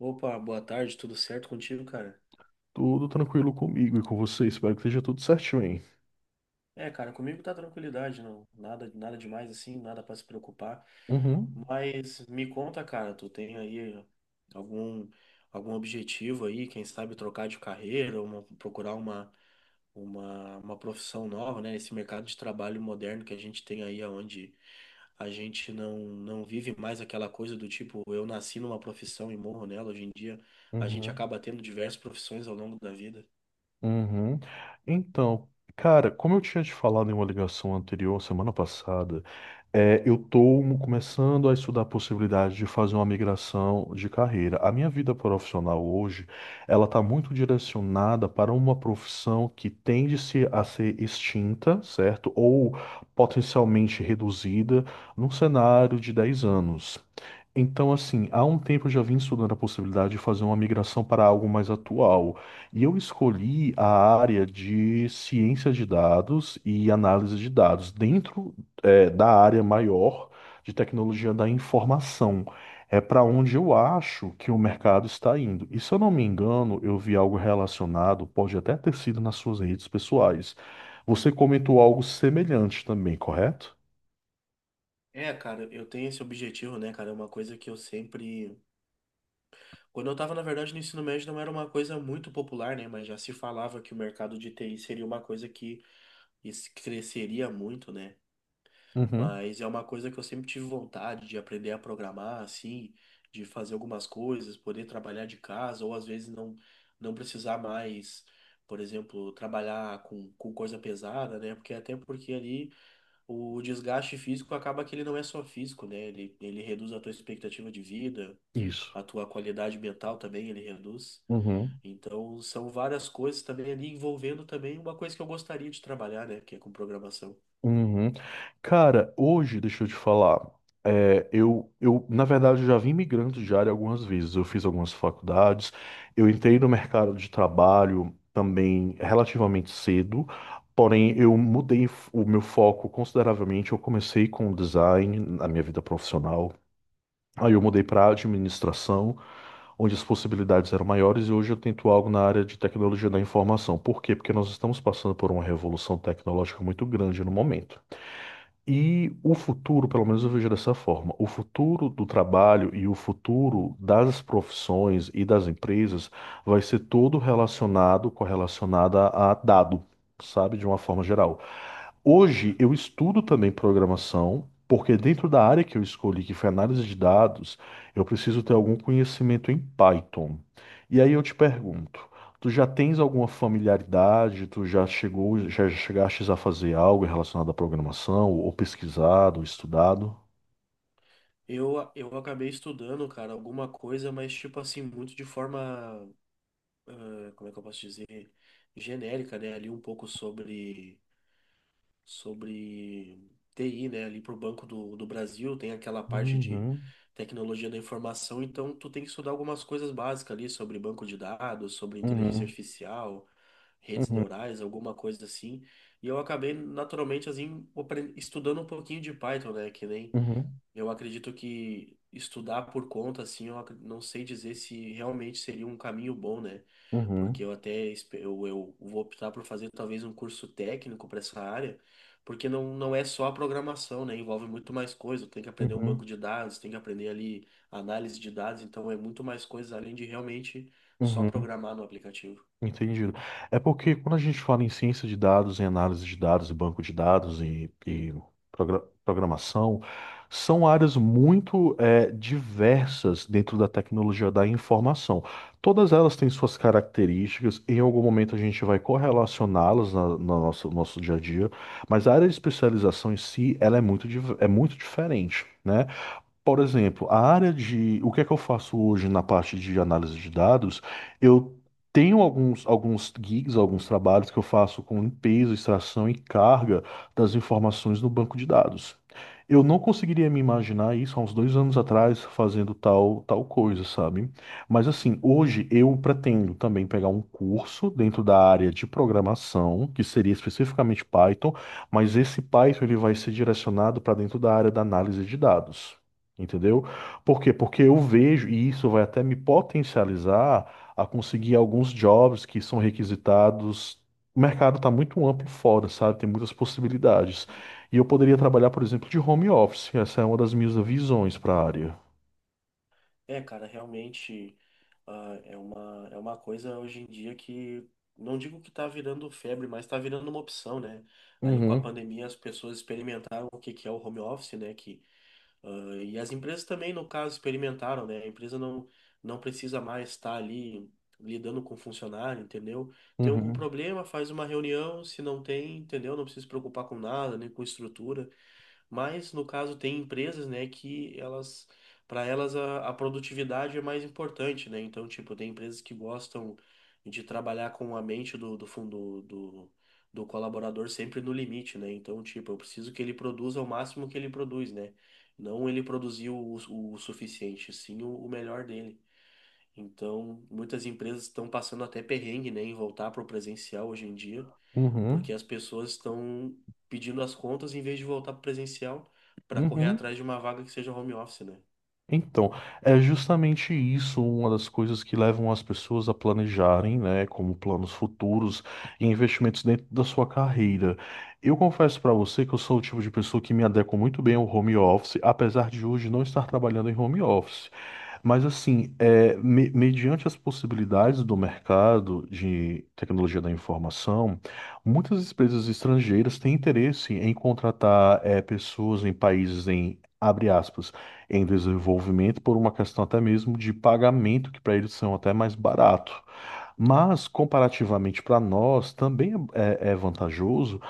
Opa, boa tarde, tudo certo contigo, cara? Tudo tranquilo comigo e com você. Espero que esteja tudo certinho, hein? É, cara, comigo tá tranquilidade, não, nada, nada demais assim, nada pra se preocupar. Uhum, Mas me conta, cara, tu tem aí algum algum objetivo aí, quem sabe trocar de carreira, uma, procurar uma, uma profissão nova, né? Esse mercado de trabalho moderno que a gente tem aí, aonde a gente não vive mais aquela coisa do tipo, eu nasci numa profissão e morro nela. Hoje em dia, a gente uhum. acaba tendo diversas profissões ao longo da vida. Uhum. Então, cara, como eu tinha te falado em uma ligação anterior, semana passada, é, eu estou começando a estudar a possibilidade de fazer uma migração de carreira. A minha vida profissional hoje, ela está muito direcionada para uma profissão que tende-se a ser extinta, certo? Ou potencialmente reduzida num cenário de 10 anos. Então, assim, há um tempo eu já vim estudando a possibilidade de fazer uma migração para algo mais atual. E eu escolhi a área de ciência de dados e análise de dados, dentro, da área maior de tecnologia da informação. É para onde eu acho que o mercado está indo. E se eu não me engano, eu vi algo relacionado, pode até ter sido nas suas redes pessoais. Você comentou algo semelhante também, correto? É, cara, eu tenho esse objetivo, né, cara? É uma coisa que eu sempre. Quando eu tava, na verdade, no ensino médio não era uma coisa muito popular, né? Mas já se falava que o mercado de TI seria uma coisa que cresceria muito, né? Uhum. Mas é uma coisa que eu sempre tive vontade de aprender a programar, assim, de fazer algumas coisas, poder trabalhar de casa, ou às vezes não, não precisar mais, por exemplo, trabalhar com coisa pesada, né? Porque até porque ali. O desgaste físico acaba que ele não é só físico, né? Ele reduz a tua expectativa de vida, Isso. a tua qualidade mental também ele reduz. Uhum. Então, são várias coisas também ali envolvendo também uma coisa que eu gostaria de trabalhar, né? Que é com programação. Uhum. Cara, hoje, deixa eu te falar, é, eu, na verdade, eu já vim migrando de área algumas vezes. Eu fiz algumas faculdades, eu entrei no mercado de trabalho também relativamente cedo, porém, eu mudei o meu foco consideravelmente. Eu comecei com design na minha vida profissional, aí eu mudei para administração, onde as possibilidades eram maiores, e hoje eu tento algo na área de tecnologia da informação. Por quê? Porque nós estamos passando por uma revolução tecnológica muito grande no momento. E o futuro, pelo menos eu vejo dessa forma, o futuro do trabalho e o futuro das profissões e das empresas vai ser todo relacionado, correlacionado a dado, sabe, de uma forma geral. Hoje eu estudo também programação, porque dentro da área que eu escolhi, que foi análise de dados, eu preciso ter algum conhecimento em Python. E aí eu te pergunto, tu já tens alguma familiaridade? Tu já chegou, já chegaste a fazer algo relacionado à programação, ou pesquisado, ou estudado? Eu acabei estudando, cara, alguma coisa, mas tipo assim, muito de forma, como é que eu posso dizer? Genérica, né? Ali um pouco sobre TI, né? Ali para o Banco do Brasil tem aquela parte de Uhum, tecnologia da informação, então tu tem que estudar algumas coisas básicas ali sobre banco de dados, sobre inteligência uhum, artificial, redes uhum, neurais, alguma coisa assim. E eu acabei naturalmente assim estudando um pouquinho de Python, né? Que nem uhum, eu acredito que estudar por conta, assim, não sei dizer se realmente seria um caminho bom, né? Porque uhum, eu vou optar por fazer talvez um curso técnico para essa área, porque não, não é só a programação, né? Envolve muito mais coisa. Tem que uhum, aprender um uhum, banco de dados, tem que aprender ali análise de dados, então é muito mais coisas além de realmente só uhum. programar no aplicativo. Entendido. É porque quando a gente fala em ciência de dados, em análise de dados, banco de dados e programação, são áreas muito diversas dentro da tecnologia da informação. Todas elas têm suas características, em algum momento a gente vai correlacioná-las no nosso dia a dia, mas a área de especialização em si, ela é muito diferente, né? Por exemplo, a área de o que é que eu faço hoje na parte de análise de dados, eu tenho alguns gigs, alguns trabalhos que eu faço com limpeza, extração e carga das informações no banco de dados. Eu não conseguiria me imaginar isso há uns 2 anos atrás fazendo tal, tal coisa, sabe? Mas assim, hoje eu pretendo também pegar um curso dentro da área de programação, que seria especificamente Python, mas esse Python ele vai ser direcionado para dentro da área da análise de dados. Entendeu? Por quê? Porque eu vejo, e isso vai até me potencializar a conseguir alguns jobs que são requisitados. O mercado está muito amplo fora, sabe? Tem muitas possibilidades. E eu poderia trabalhar, por exemplo, de home office. Essa é uma das minhas visões para a área. É, cara, realmente é uma coisa hoje em dia que não digo que tá virando febre, mas tá virando uma opção, né? Ali com a Uhum, pandemia as pessoas experimentaram o que que é o home office, né? Que, e as empresas também, no caso, experimentaram, né? A empresa não, não precisa mais estar ali lidando com funcionário, entendeu? Tem algum uhum, problema, faz uma reunião, se não tem, entendeu? Não precisa se preocupar com nada, nem com estrutura. Mas, no caso, tem empresas, né, que elas, para elas a produtividade é mais importante, né? Então, tipo, tem empresas que gostam de trabalhar com a mente do fundo do, do colaborador sempre no limite, né? Então, tipo, eu preciso que ele produza o máximo que ele produz, né? Não ele produziu o suficiente, sim o melhor dele. Então, muitas empresas estão passando até perrengue, né, em voltar para o presencial hoje em dia uhum, porque as pessoas estão pedindo as contas em vez de voltar para presencial para correr uhum. atrás de uma vaga que seja home office, né? Então, é justamente isso uma das coisas que levam as pessoas a planejarem, né, como planos futuros e investimentos dentro da sua carreira. Eu confesso para você que eu sou o tipo de pessoa que me adequa muito bem ao home office, apesar de hoje não estar trabalhando em home office. Mas assim, é, mediante as possibilidades do mercado de tecnologia da informação, muitas empresas estrangeiras têm interesse em contratar é, pessoas em países em, abre aspas, em desenvolvimento por uma questão até mesmo de pagamento, que para eles são até mais Isso. barato. Mas, comparativamente para nós, também é vantajoso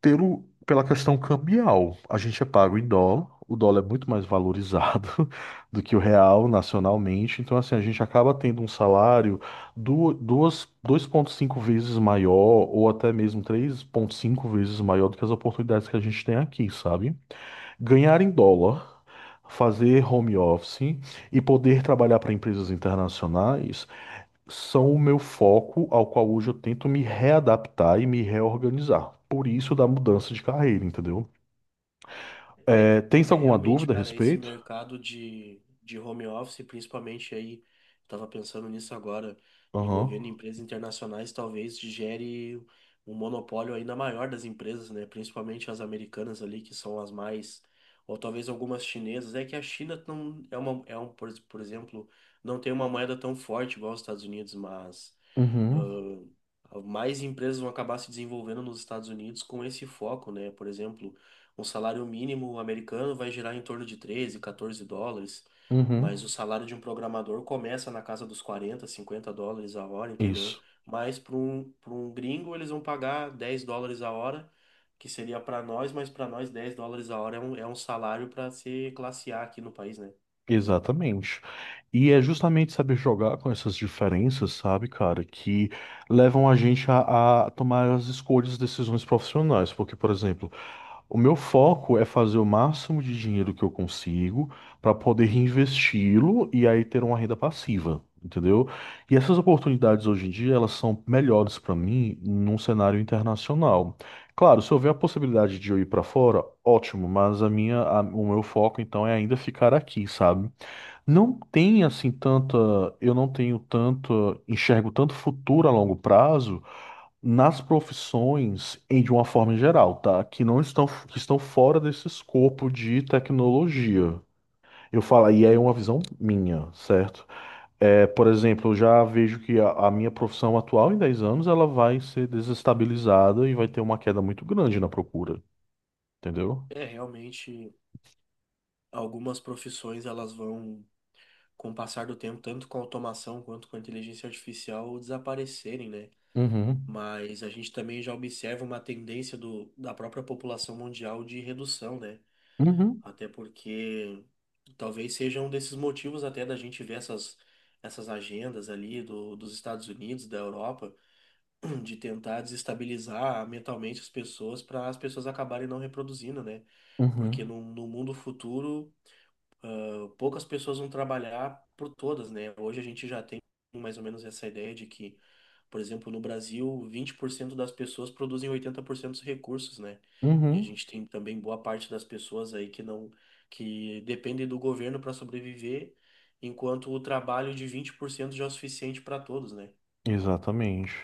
pelo, pela questão cambial, a gente é pago em dólar, o dólar é muito mais valorizado do que o real nacionalmente, então assim, a gente acaba tendo um salário 2,5 vezes maior ou até mesmo 3,5 vezes maior do que as oportunidades que a gente tem aqui, sabe? Ganhar em dólar, fazer home office e poder trabalhar para empresas internacionais são o meu foco ao qual hoje eu tento me readaptar e me reorganizar. Por isso da mudança de carreira, entendeu? É, É, tens é alguma realmente, dúvida a cara, esse respeito? mercado de home office, principalmente aí, estava pensando nisso agora, envolvendo Aham. empresas internacionais, talvez gere um monopólio ainda maior das empresas, né? Principalmente as americanas ali, que são as mais, ou talvez algumas chinesas. É que a China não é uma, é um, por exemplo, não tem uma moeda tão forte igual os Estados Unidos, mas Uhum. Mais empresas vão acabar se desenvolvendo nos Estados Unidos com esse foco, né? Por exemplo, um salário mínimo americano vai girar em torno de 13, 14 dólares, Uhum. mas o salário de um programador começa na casa dos 40, 50 dólares a hora, entendeu? Isso. Mas para um gringo eles vão pagar 10 dólares a hora, que seria para nós, mas para nós 10 dólares a hora é um salário para ser classe A aqui no país, né? Exatamente. E é justamente saber jogar com essas diferenças, sabe, cara, que levam a gente a tomar as escolhas e decisões profissionais. Porque, por exemplo, o meu foco é fazer o máximo de dinheiro que eu consigo para poder reinvesti-lo e aí ter uma renda passiva, entendeu? E essas oportunidades hoje em dia, elas são melhores para mim num cenário internacional. Claro, se houver a possibilidade de eu ir para fora, ótimo, mas o meu foco então é ainda ficar aqui, sabe? Não tem assim tanta, eu não tenho tanto, enxergo tanto futuro a longo prazo nas profissões em de uma forma geral, tá? Que não estão que estão fora desse escopo de tecnologia. Eu falo, e aí é uma visão minha, certo? É, por exemplo, eu já vejo que a minha profissão atual em 10 anos ela vai ser desestabilizada e vai ter uma queda muito grande na procura, entendeu? É, realmente, algumas profissões elas vão com o passar do tempo, tanto com a automação quanto com a inteligência artificial, desaparecerem, né? Uhum. Mas a gente também já observa uma tendência do, da própria população mundial de redução, né? Uhum. Até porque talvez seja um desses motivos até da gente ver essas, essas agendas ali do, dos Estados Unidos, da Europa, de tentar desestabilizar mentalmente as pessoas para as pessoas acabarem não reproduzindo, né? Porque Uhum. no mundo futuro poucas pessoas vão trabalhar por todas, né? Hoje a gente já tem mais ou menos essa ideia de que, por exemplo, no Brasil, 20% das pessoas produzem 80% dos recursos, né? E a Uhum. gente tem também boa parte das pessoas aí que não, que dependem do governo para sobreviver, enquanto o trabalho de 20% já é o suficiente para todos, né? Exatamente.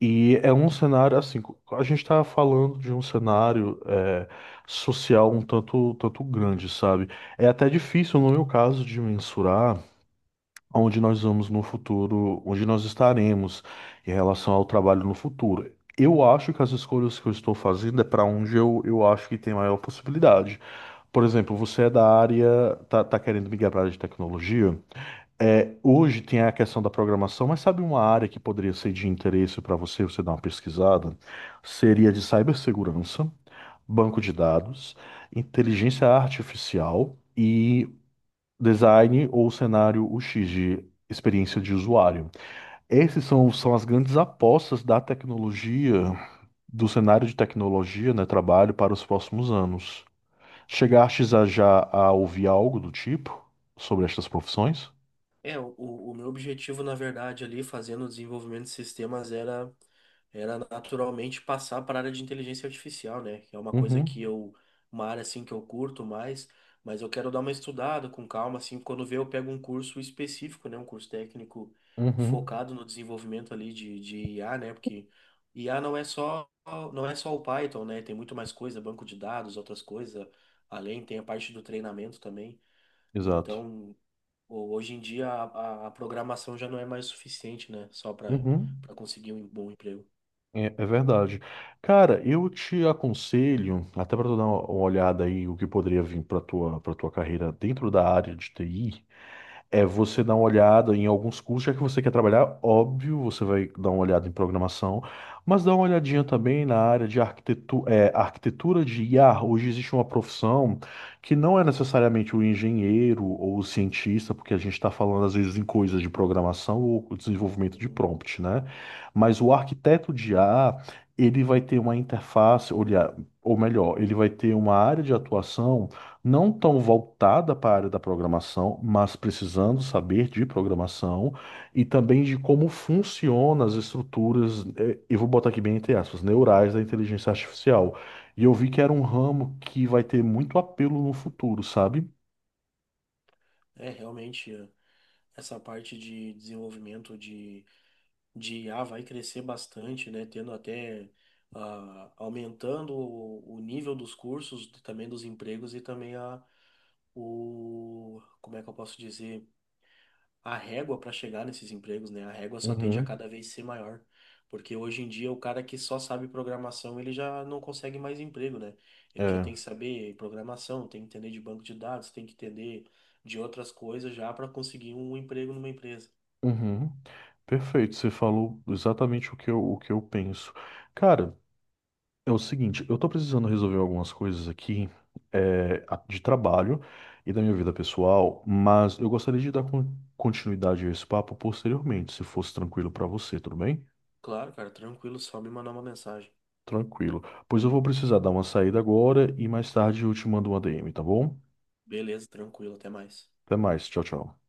E é um cenário assim, a gente está falando de um cenário é, social um tanto, tanto grande, sabe? É até difícil, no meu caso, de mensurar onde nós vamos no futuro, onde nós estaremos em relação ao trabalho no futuro. Eu acho que as escolhas que eu estou fazendo é para onde eu acho que tem maior possibilidade. Por exemplo, você é da área, tá querendo migrar para a área de tecnologia? É, hoje tem a questão da programação, mas sabe uma área que poderia ser de interesse para você, você dar uma pesquisada? Seria de cibersegurança, banco de dados, inteligência artificial e design ou cenário UX de experiência de usuário. Esses são as grandes apostas da tecnologia, do cenário de tecnologia, né, trabalho para os próximos anos. Chegastes a já a ouvir algo do tipo sobre estas profissões? É, o meu objetivo, na verdade, ali fazendo o desenvolvimento de sistemas era naturalmente passar para a área de inteligência artificial, né? Que é uma coisa que Uhum, eu, uma área assim que eu curto mais, mas eu quero dar uma estudada com calma, assim, quando ver eu pego um curso específico, né? Um curso técnico uhum. focado no desenvolvimento ali de IA, né? Porque IA não é só, não é só o Python, né? Tem muito mais coisa, banco de dados, outras coisas, além tem a parte do treinamento também. Exato. Então, hoje em dia a, a programação já não é mais suficiente, né? Só Uhum. para conseguir um bom emprego. É, é verdade. Cara, eu te aconselho, até para tu dar uma olhada aí o que poderia vir para tua carreira dentro da área de TI. É você dar uma olhada em alguns cursos, já que você quer trabalhar, óbvio, você vai dar uma olhada em programação, mas dá uma olhadinha também na área de arquitetura de IA. Hoje existe uma profissão que não é necessariamente o engenheiro ou o cientista, porque a gente está falando às vezes em coisas de programação ou desenvolvimento de prompt, né? Mas o arquiteto de IA, ele vai ter uma interface, olhar, ou melhor, ele vai ter uma área de atuação não tão voltada para a área da programação, mas precisando saber de programação e também de como funcionam as estruturas, eu vou botar aqui bem entre aspas, neurais da inteligência artificial. E eu vi que era um ramo que vai ter muito apelo no futuro, sabe? É, realmente, essa parte de desenvolvimento de I a vai crescer bastante, né? Tendo até, aumentando o nível dos cursos, também dos empregos e também a, o, como é que eu posso dizer? A régua para chegar nesses empregos, né? A régua só tende a Uhum. cada vez ser maior, porque hoje em dia o cara que só sabe programação, ele já não consegue mais emprego, né? Ele já É. tem que saber programação, tem que entender de banco de dados, tem que entender de outras coisas já para conseguir um emprego numa empresa. Uhum. Perfeito, você falou exatamente o que eu penso. Cara, é o seguinte, eu tô precisando resolver algumas coisas aqui, é, de trabalho e da minha vida pessoal, mas eu gostaria de dar continuidade a esse papo posteriormente, se fosse tranquilo pra você, tudo bem? Claro, cara, tranquilo, só me mandar uma mensagem. Tranquilo. Pois eu vou precisar dar uma saída agora e mais tarde eu te mando um ADM, tá bom? Beleza, tranquilo, até mais. Até mais, tchau, tchau.